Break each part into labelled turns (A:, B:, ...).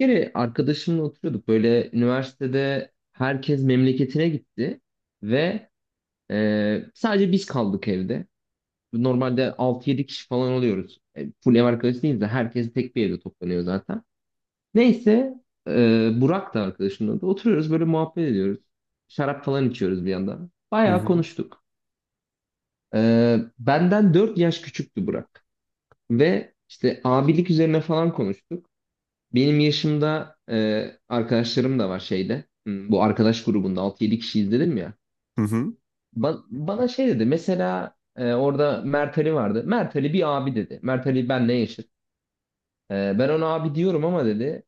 A: Bir kere arkadaşımla oturuyorduk. Böyle üniversitede herkes memleketine gitti ve sadece biz kaldık evde. Normalde 6 7 kişi falan oluyoruz. Full ev arkadaşı değiliz de herkes tek bir evde toplanıyor zaten. Neyse, Burak da arkadaşımla da oturuyoruz, böyle muhabbet ediyoruz. Şarap falan içiyoruz bir yandan.
B: Hı
A: Bayağı
B: hı.
A: konuştuk. Benden 4 yaş küçüktü Burak. Ve işte abilik üzerine falan konuştuk. Benim yaşımda arkadaşlarım da var şeyde. Bu arkadaş grubunda 6 7 kişiyiz dedim ya.
B: Hı hı.
A: Bana şey dedi. Mesela orada Mert Ali vardı. Mert Ali bir abi dedi. Mert Ali benle yaşıt. Ben ona abi diyorum ama dedi.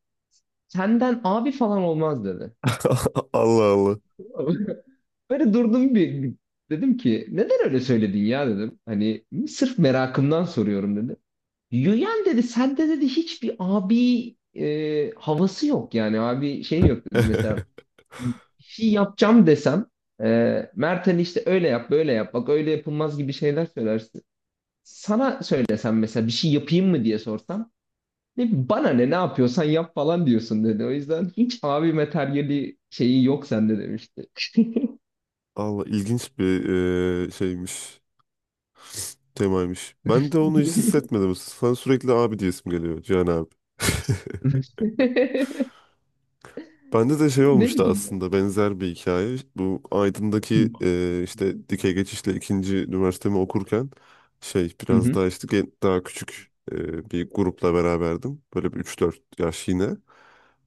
A: Senden abi falan olmaz dedi.
B: Allah Allah.
A: Böyle durdum bir, dedim ki neden öyle söyledin ya dedim. Hani sırf merakımdan soruyorum dedi. Yüyen dedi sende dedi hiçbir abi havası yok, yani abi şey yok dedi. Mesela bir şey yapacağım desem e, Mert hani işte öyle yap böyle yap bak öyle yapılmaz gibi şeyler söylersin. Sana söylesem mesela bir şey yapayım mı diye sorsam, ne bana ne yapıyorsan yap falan diyorsun dedi. O yüzden hiç abi materyali şeyi yok sende demişti.
B: Allah, ilginç bir şeymiş. Temaymış. Ben de onu hiç hissetmedim. Sen sürekli abi diyesim geliyor Cihan abi. Bende de şey
A: Ne
B: olmuştu
A: bileyim ya.
B: aslında, benzer bir hikaye. Bu
A: Hı
B: Aydın'daki işte dikey geçişle ikinci üniversitemi okurken şey biraz
A: hı
B: daha işte daha küçük bir grupla beraberdim. Böyle bir 3-4 yaş yine.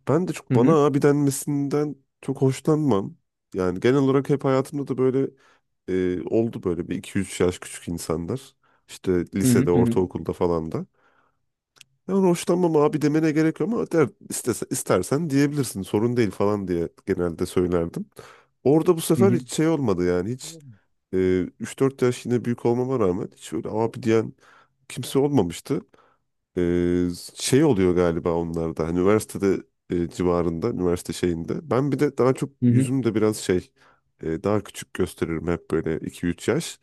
B: Ben de
A: hı
B: çok bana
A: hı
B: abi denmesinden çok hoşlanmam. Yani genel olarak hep hayatımda da böyle oldu böyle bir iki üç yaş küçük insanlar. İşte
A: hı
B: lisede,
A: hı
B: ortaokulda falan da. Yani hoşlanmam, abi demene gerek yok ama istersen diyebilirsin, sorun değil falan diye genelde söylerdim. Orada bu
A: hı
B: sefer
A: hı hı
B: hiç şey olmadı, yani hiç e, 3-4 yaş yine büyük olmama rağmen hiç öyle abi diyen kimse olmamıştı. Ee, Şey oluyor galiba onlarda, hani üniversitede civarında üniversite şeyinde ben bir de daha çok
A: hı
B: yüzümde biraz şey daha küçük gösteririm hep böyle iki üç yaş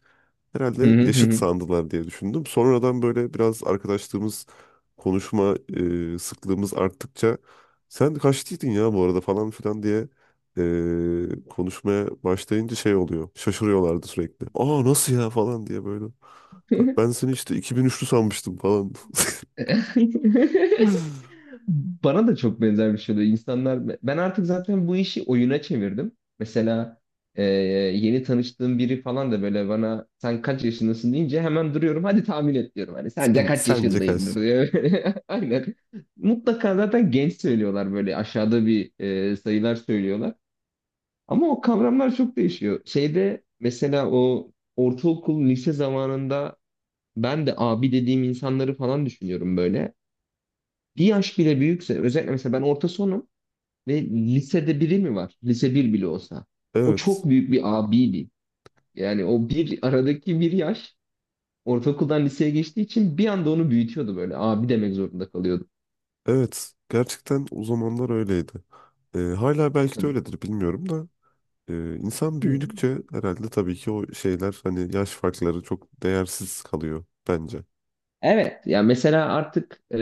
A: hı
B: herhalde yaşıt
A: hı
B: sandılar diye düşündüm sonradan, böyle biraz arkadaşlığımız, konuşma sıklığımız arttıkça sen kaçtıydın ya bu arada falan filan diye konuşmaya başlayınca şey oluyor, şaşırıyorlardı sürekli, aa nasıl ya falan diye böyle
A: hı
B: ben
A: hı.
B: ben seni işte 2003'lü sanmıştım falan.
A: Bana da çok benzer bir şey oluyor. İnsanlar, ben artık zaten bu işi oyuna çevirdim. Mesela e, yeni tanıştığım biri falan da böyle bana sen kaç yaşındasın deyince hemen duruyorum. Hadi tahmin et diyorum. Hani sence kaç
B: Sence
A: yaşındayım
B: kaç?
A: diyor. Aynen. Mutlaka zaten genç söylüyorlar, böyle aşağıda bir sayılar söylüyorlar. Ama o kavramlar çok değişiyor. Şeyde mesela o ortaokul, lise zamanında ben de abi dediğim insanları falan düşünüyorum böyle. Bir yaş bile büyükse, özellikle mesela ben orta sonum. Ve lisede biri mi var? Lise bir bile olsa, o
B: Evet.
A: çok büyük bir abiydi. Yani o bir aradaki bir yaş, ortaokuldan liseye geçtiği için bir anda onu büyütüyordu böyle. Abi demek zorunda kalıyordu.
B: Evet. Gerçekten o zamanlar öyleydi. Hala belki de öyledir, bilmiyorum da. İnsan büyüdükçe herhalde tabii ki o şeyler, hani yaş farkları çok değersiz kalıyor bence.
A: Evet. Ya mesela artık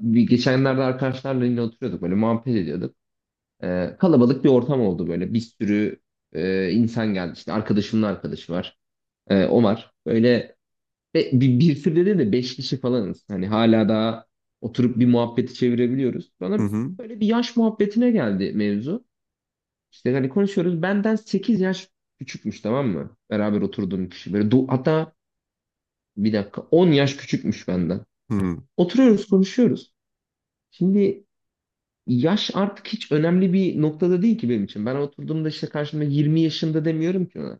A: bir geçenlerde arkadaşlarla yine oturuyorduk, böyle muhabbet ediyorduk. Kalabalık bir ortam oldu böyle. Bir sürü insan geldi. İşte arkadaşımın arkadaşı var. O var. Böyle. Ve bir sürede de beş kişi falanız. Hani hala daha oturup bir muhabbeti çevirebiliyoruz.
B: Hı
A: Bana
B: hı.
A: böyle bir yaş muhabbetine geldi mevzu. İşte hani konuşuyoruz. Benden 8 yaş küçükmüş, tamam mı? Beraber oturduğum kişi. Böyle hatta bir dakika, 10 yaş küçükmüş benden.
B: Hı.
A: Oturuyoruz konuşuyoruz. Şimdi yaş artık hiç önemli bir noktada değil ki benim için. Ben oturduğumda işte karşımda 20 yaşında demiyorum ki ona.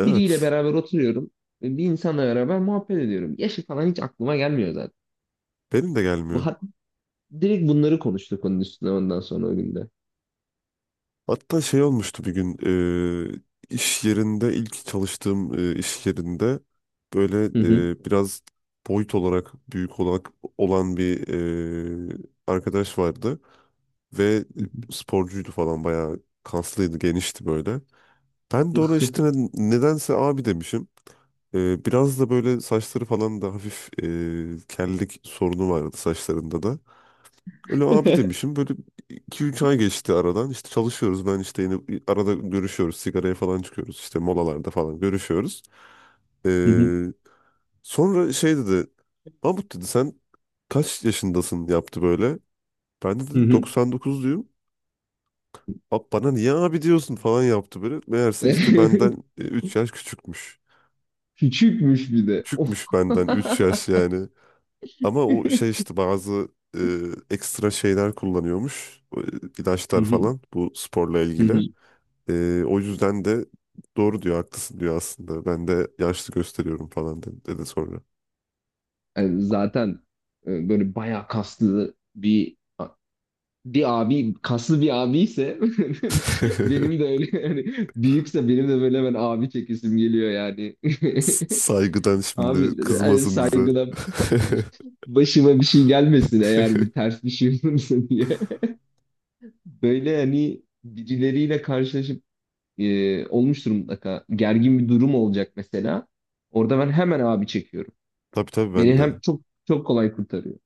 A: Biriyle beraber oturuyorum. Bir insanla beraber muhabbet ediyorum. Yaşı falan hiç aklıma gelmiyor zaten.
B: Benim de
A: Bu
B: gelmiyor.
A: direkt bunları konuştuk onun üstüne ondan sonra o günde.
B: Hatta şey olmuştu bir gün e, iş yerinde, ilk çalıştığım iş yerinde, böyle
A: Hı hı.
B: biraz boyut olarak büyük olarak olan bir e, arkadaş vardı. Ve
A: Hı hı.
B: sporcuydu falan, bayağı kaslıydı, genişti böyle. Ben de ona işte nedense abi demişim. Biraz da böyle saçları falan da, hafif kellik sorunu vardı saçlarında da. Öyle abi demişim. Böyle 2-3 ay geçti aradan. İşte çalışıyoruz. Ben işte yine arada görüşüyoruz. Sigaraya falan çıkıyoruz. İşte molalarda falan görüşüyoruz.
A: Hı hı.
B: Ee, Sonra şey dedi. Mahmut dedi, sen kaç yaşındasın yaptı böyle. Ben de
A: Hı
B: dedim
A: hı.
B: 99 diyor. Abi bana niye abi diyorsun falan yaptı böyle. Meğerse işte benden 3 yaş küçükmüş.
A: Küçükmüş bir de. Of.
B: Küçükmüş benden 3 yaş yani. Ama o şey işte bazı e, ekstra şeyler kullanıyormuş. O,
A: Hı
B: ilaçlar
A: hı.
B: falan, bu sporla
A: Hı hı.
B: ilgili. O yüzden de doğru diyor, haklısın diyor aslında. Ben de yaşlı gösteriyorum falan dedi, dedi sonra.
A: Yani zaten böyle bayağı kaslı bir bir abi, kaslı bir abi ise benim de öyle yani, büyükse benim de böyle ben abi çekisim geliyor yani.
B: Saygıdan
A: Abi
B: şimdi
A: dedi, hani
B: kızmasın bize.
A: saygıdan başıma bir şey gelmesin eğer bir ters bir şey olursa diye. Böyle hani birileriyle karşılaşıp olmuştur mutlaka. Gergin bir durum olacak mesela. Orada ben hemen abi çekiyorum.
B: Tabii tabii,
A: Beni
B: ben de.
A: hem çok kolay kurtarıyor.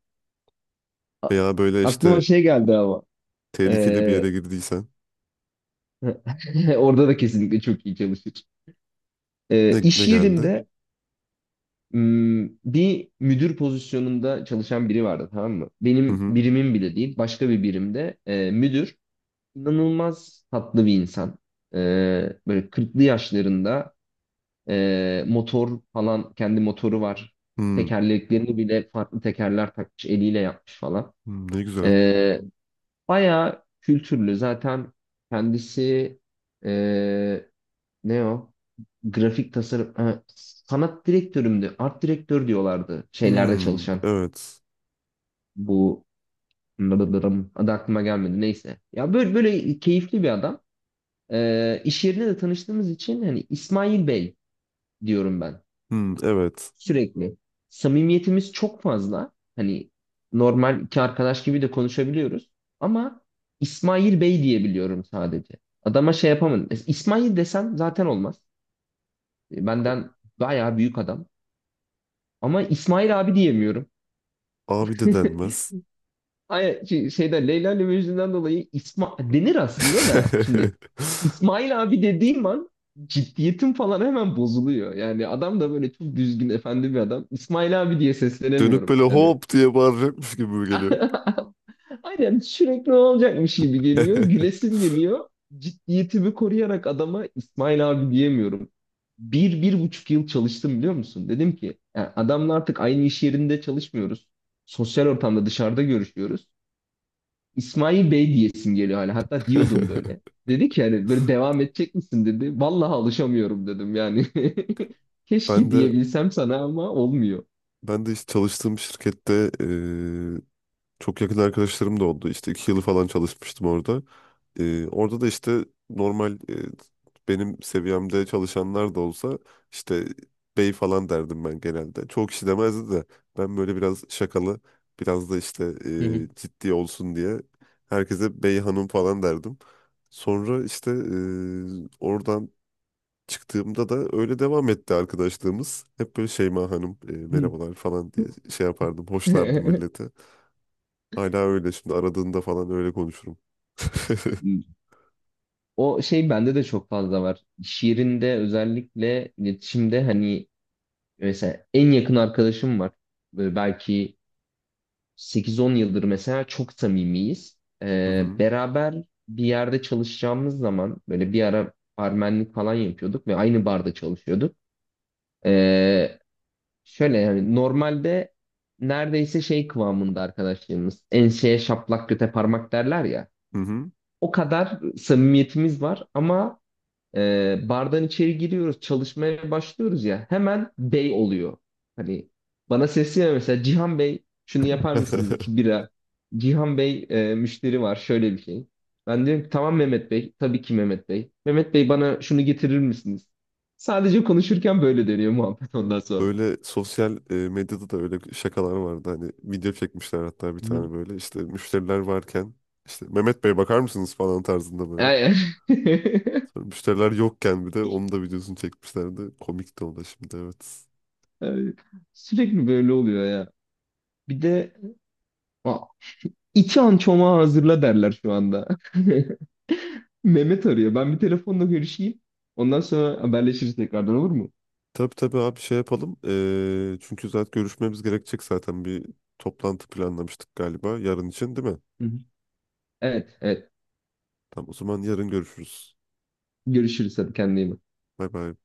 A: A-
B: Veya böyle işte
A: Aklıma şey geldi ama.
B: tehlikeli bir yere
A: e,
B: girdiysen,
A: Orada da kesinlikle çok iyi çalışır.
B: ne, ne
A: İş
B: geldi?
A: yerinde bir müdür pozisyonunda çalışan biri vardı, tamam mı?
B: Hı
A: Benim
B: hı.
A: birimim bile değil. Başka bir birimde müdür. İnanılmaz tatlı bir insan. E, Böyle kırklı yaşlarında. Motor falan, kendi motoru var.
B: Hmm,
A: Tekerleklerini bile farklı tekerler takmış, eliyle yapmış falan.
B: hmm, ne güzel.
A: Ee, Bayağı kültürlü. Zaten kendisi ee, ne o? Grafik tasarım, ha, sanat direktörü müydü? Art direktör diyorlardı şeylerde
B: Hmm,
A: çalışan
B: evet.
A: bu. Blablablam. Adı aklıma gelmedi. Neyse. Ya böyle böyle keyifli bir adam. İş yerinde de tanıştığımız için hani İsmail Bey diyorum ben
B: Hmm, evet.
A: sürekli. Samimiyetimiz çok fazla. Hani normal iki arkadaş gibi de konuşabiliyoruz. Ama İsmail Bey diyebiliyorum sadece. Adama şey yapamadım. İsmail desem zaten olmaz. Benden bayağı büyük adam. Ama İsmail abi diyemiyorum.
B: Abi de denmez.
A: Ay, şeyden, Leyla ile Mecnun'dan dolayı İsma denir aslında da, şimdi İsmail abi dediğim an ciddiyetim falan hemen bozuluyor. Yani adam da böyle çok düzgün efendi bir adam. İsmail abi diye
B: Dönüp
A: seslenemiyorum.
B: böyle
A: Yani
B: hop diye bağıracakmış gibi mi geliyor.
A: aynen sürekli olacakmış gibi geliyor. Gülesim geliyor. Ciddiyetimi koruyarak adama İsmail abi diyemiyorum. Bir, 1,5 yıl çalıştım biliyor musun? Dedim ki "Ya adamla artık aynı iş yerinde çalışmıyoruz. Sosyal ortamda dışarıda görüşüyoruz. İsmail Bey diyesim geliyor hala." Hatta diyordum böyle. Dedi ki hani böyle devam edecek misin dedi. Vallahi alışamıyorum dedim yani.
B: Ben
A: Keşke
B: de
A: diyebilsem sana ama olmuyor.
B: ben de işte çalıştığım şirkette çok yakın arkadaşlarım da oldu. İşte 2 yılı falan çalışmıştım orada. Orada da işte normal benim seviyemde çalışanlar da olsa işte bey falan derdim ben genelde. Çoğu kişi demezdi de ben böyle biraz şakalı, biraz da işte
A: Hı hı.
B: ciddi olsun diye herkese bey hanım falan derdim. Sonra işte oradan çıktığımda da öyle devam etti arkadaşlığımız. Hep böyle Şeyma Hanım merhabalar falan diye şey yapardım, hoşlardım millete. Hala öyle şimdi aradığında falan öyle konuşurum.
A: O şey bende de çok fazla var. Şiirinde özellikle iletişimde, hani mesela en yakın arkadaşım var. Böyle belki 8-10 yıldır mesela çok samimiyiz.
B: Hı hı.
A: Beraber bir yerde çalışacağımız zaman, böyle bir ara barmenlik falan yapıyorduk ve aynı barda çalışıyorduk. Ee, Şöyle yani normalde neredeyse şey kıvamında arkadaşlarımız. Enseye şaplak göte parmak derler ya.
B: Hı hı.
A: O kadar samimiyetimiz var ama bardan içeri giriyoruz, çalışmaya başlıyoruz ya. Hemen bey oluyor. Hani bana sesleniyor mesela, Cihan Bey şunu yapar mısınız? İki bira. Cihan Bey, müşteri var, şöyle bir şey. Ben diyorum ki tamam Mehmet Bey. Tabii ki Mehmet Bey. Mehmet Bey bana şunu getirir misiniz? Sadece konuşurken böyle dönüyor muhabbet ondan sonra.
B: Öyle sosyal medyada da öyle şakalar vardı. Hani video çekmişler hatta, bir
A: Hı.
B: tane böyle. İşte müşteriler varken işte Mehmet Bey bakar mısınız falan tarzında böyle.
A: Yani
B: Sonra müşteriler yokken bir de onun da videosunu çekmişlerdi. Komik de, o da şimdi, evet.
A: sürekli böyle oluyor ya. Bir de İki an çomağı hazırla derler şu anda. Mehmet arıyor. Ben bir telefonla görüşeyim. Ondan sonra haberleşiriz tekrardan, olur mu?
B: Tabii tabii, abi şey yapalım. Çünkü zaten görüşmemiz gerekecek, zaten bir toplantı planlamıştık galiba yarın için, değil mi?
A: Hı hı. Evet, evet.
B: Tamam, o zaman yarın görüşürüz.
A: Görüşürüz, hadi kendine iyi bak.
B: Bay bay.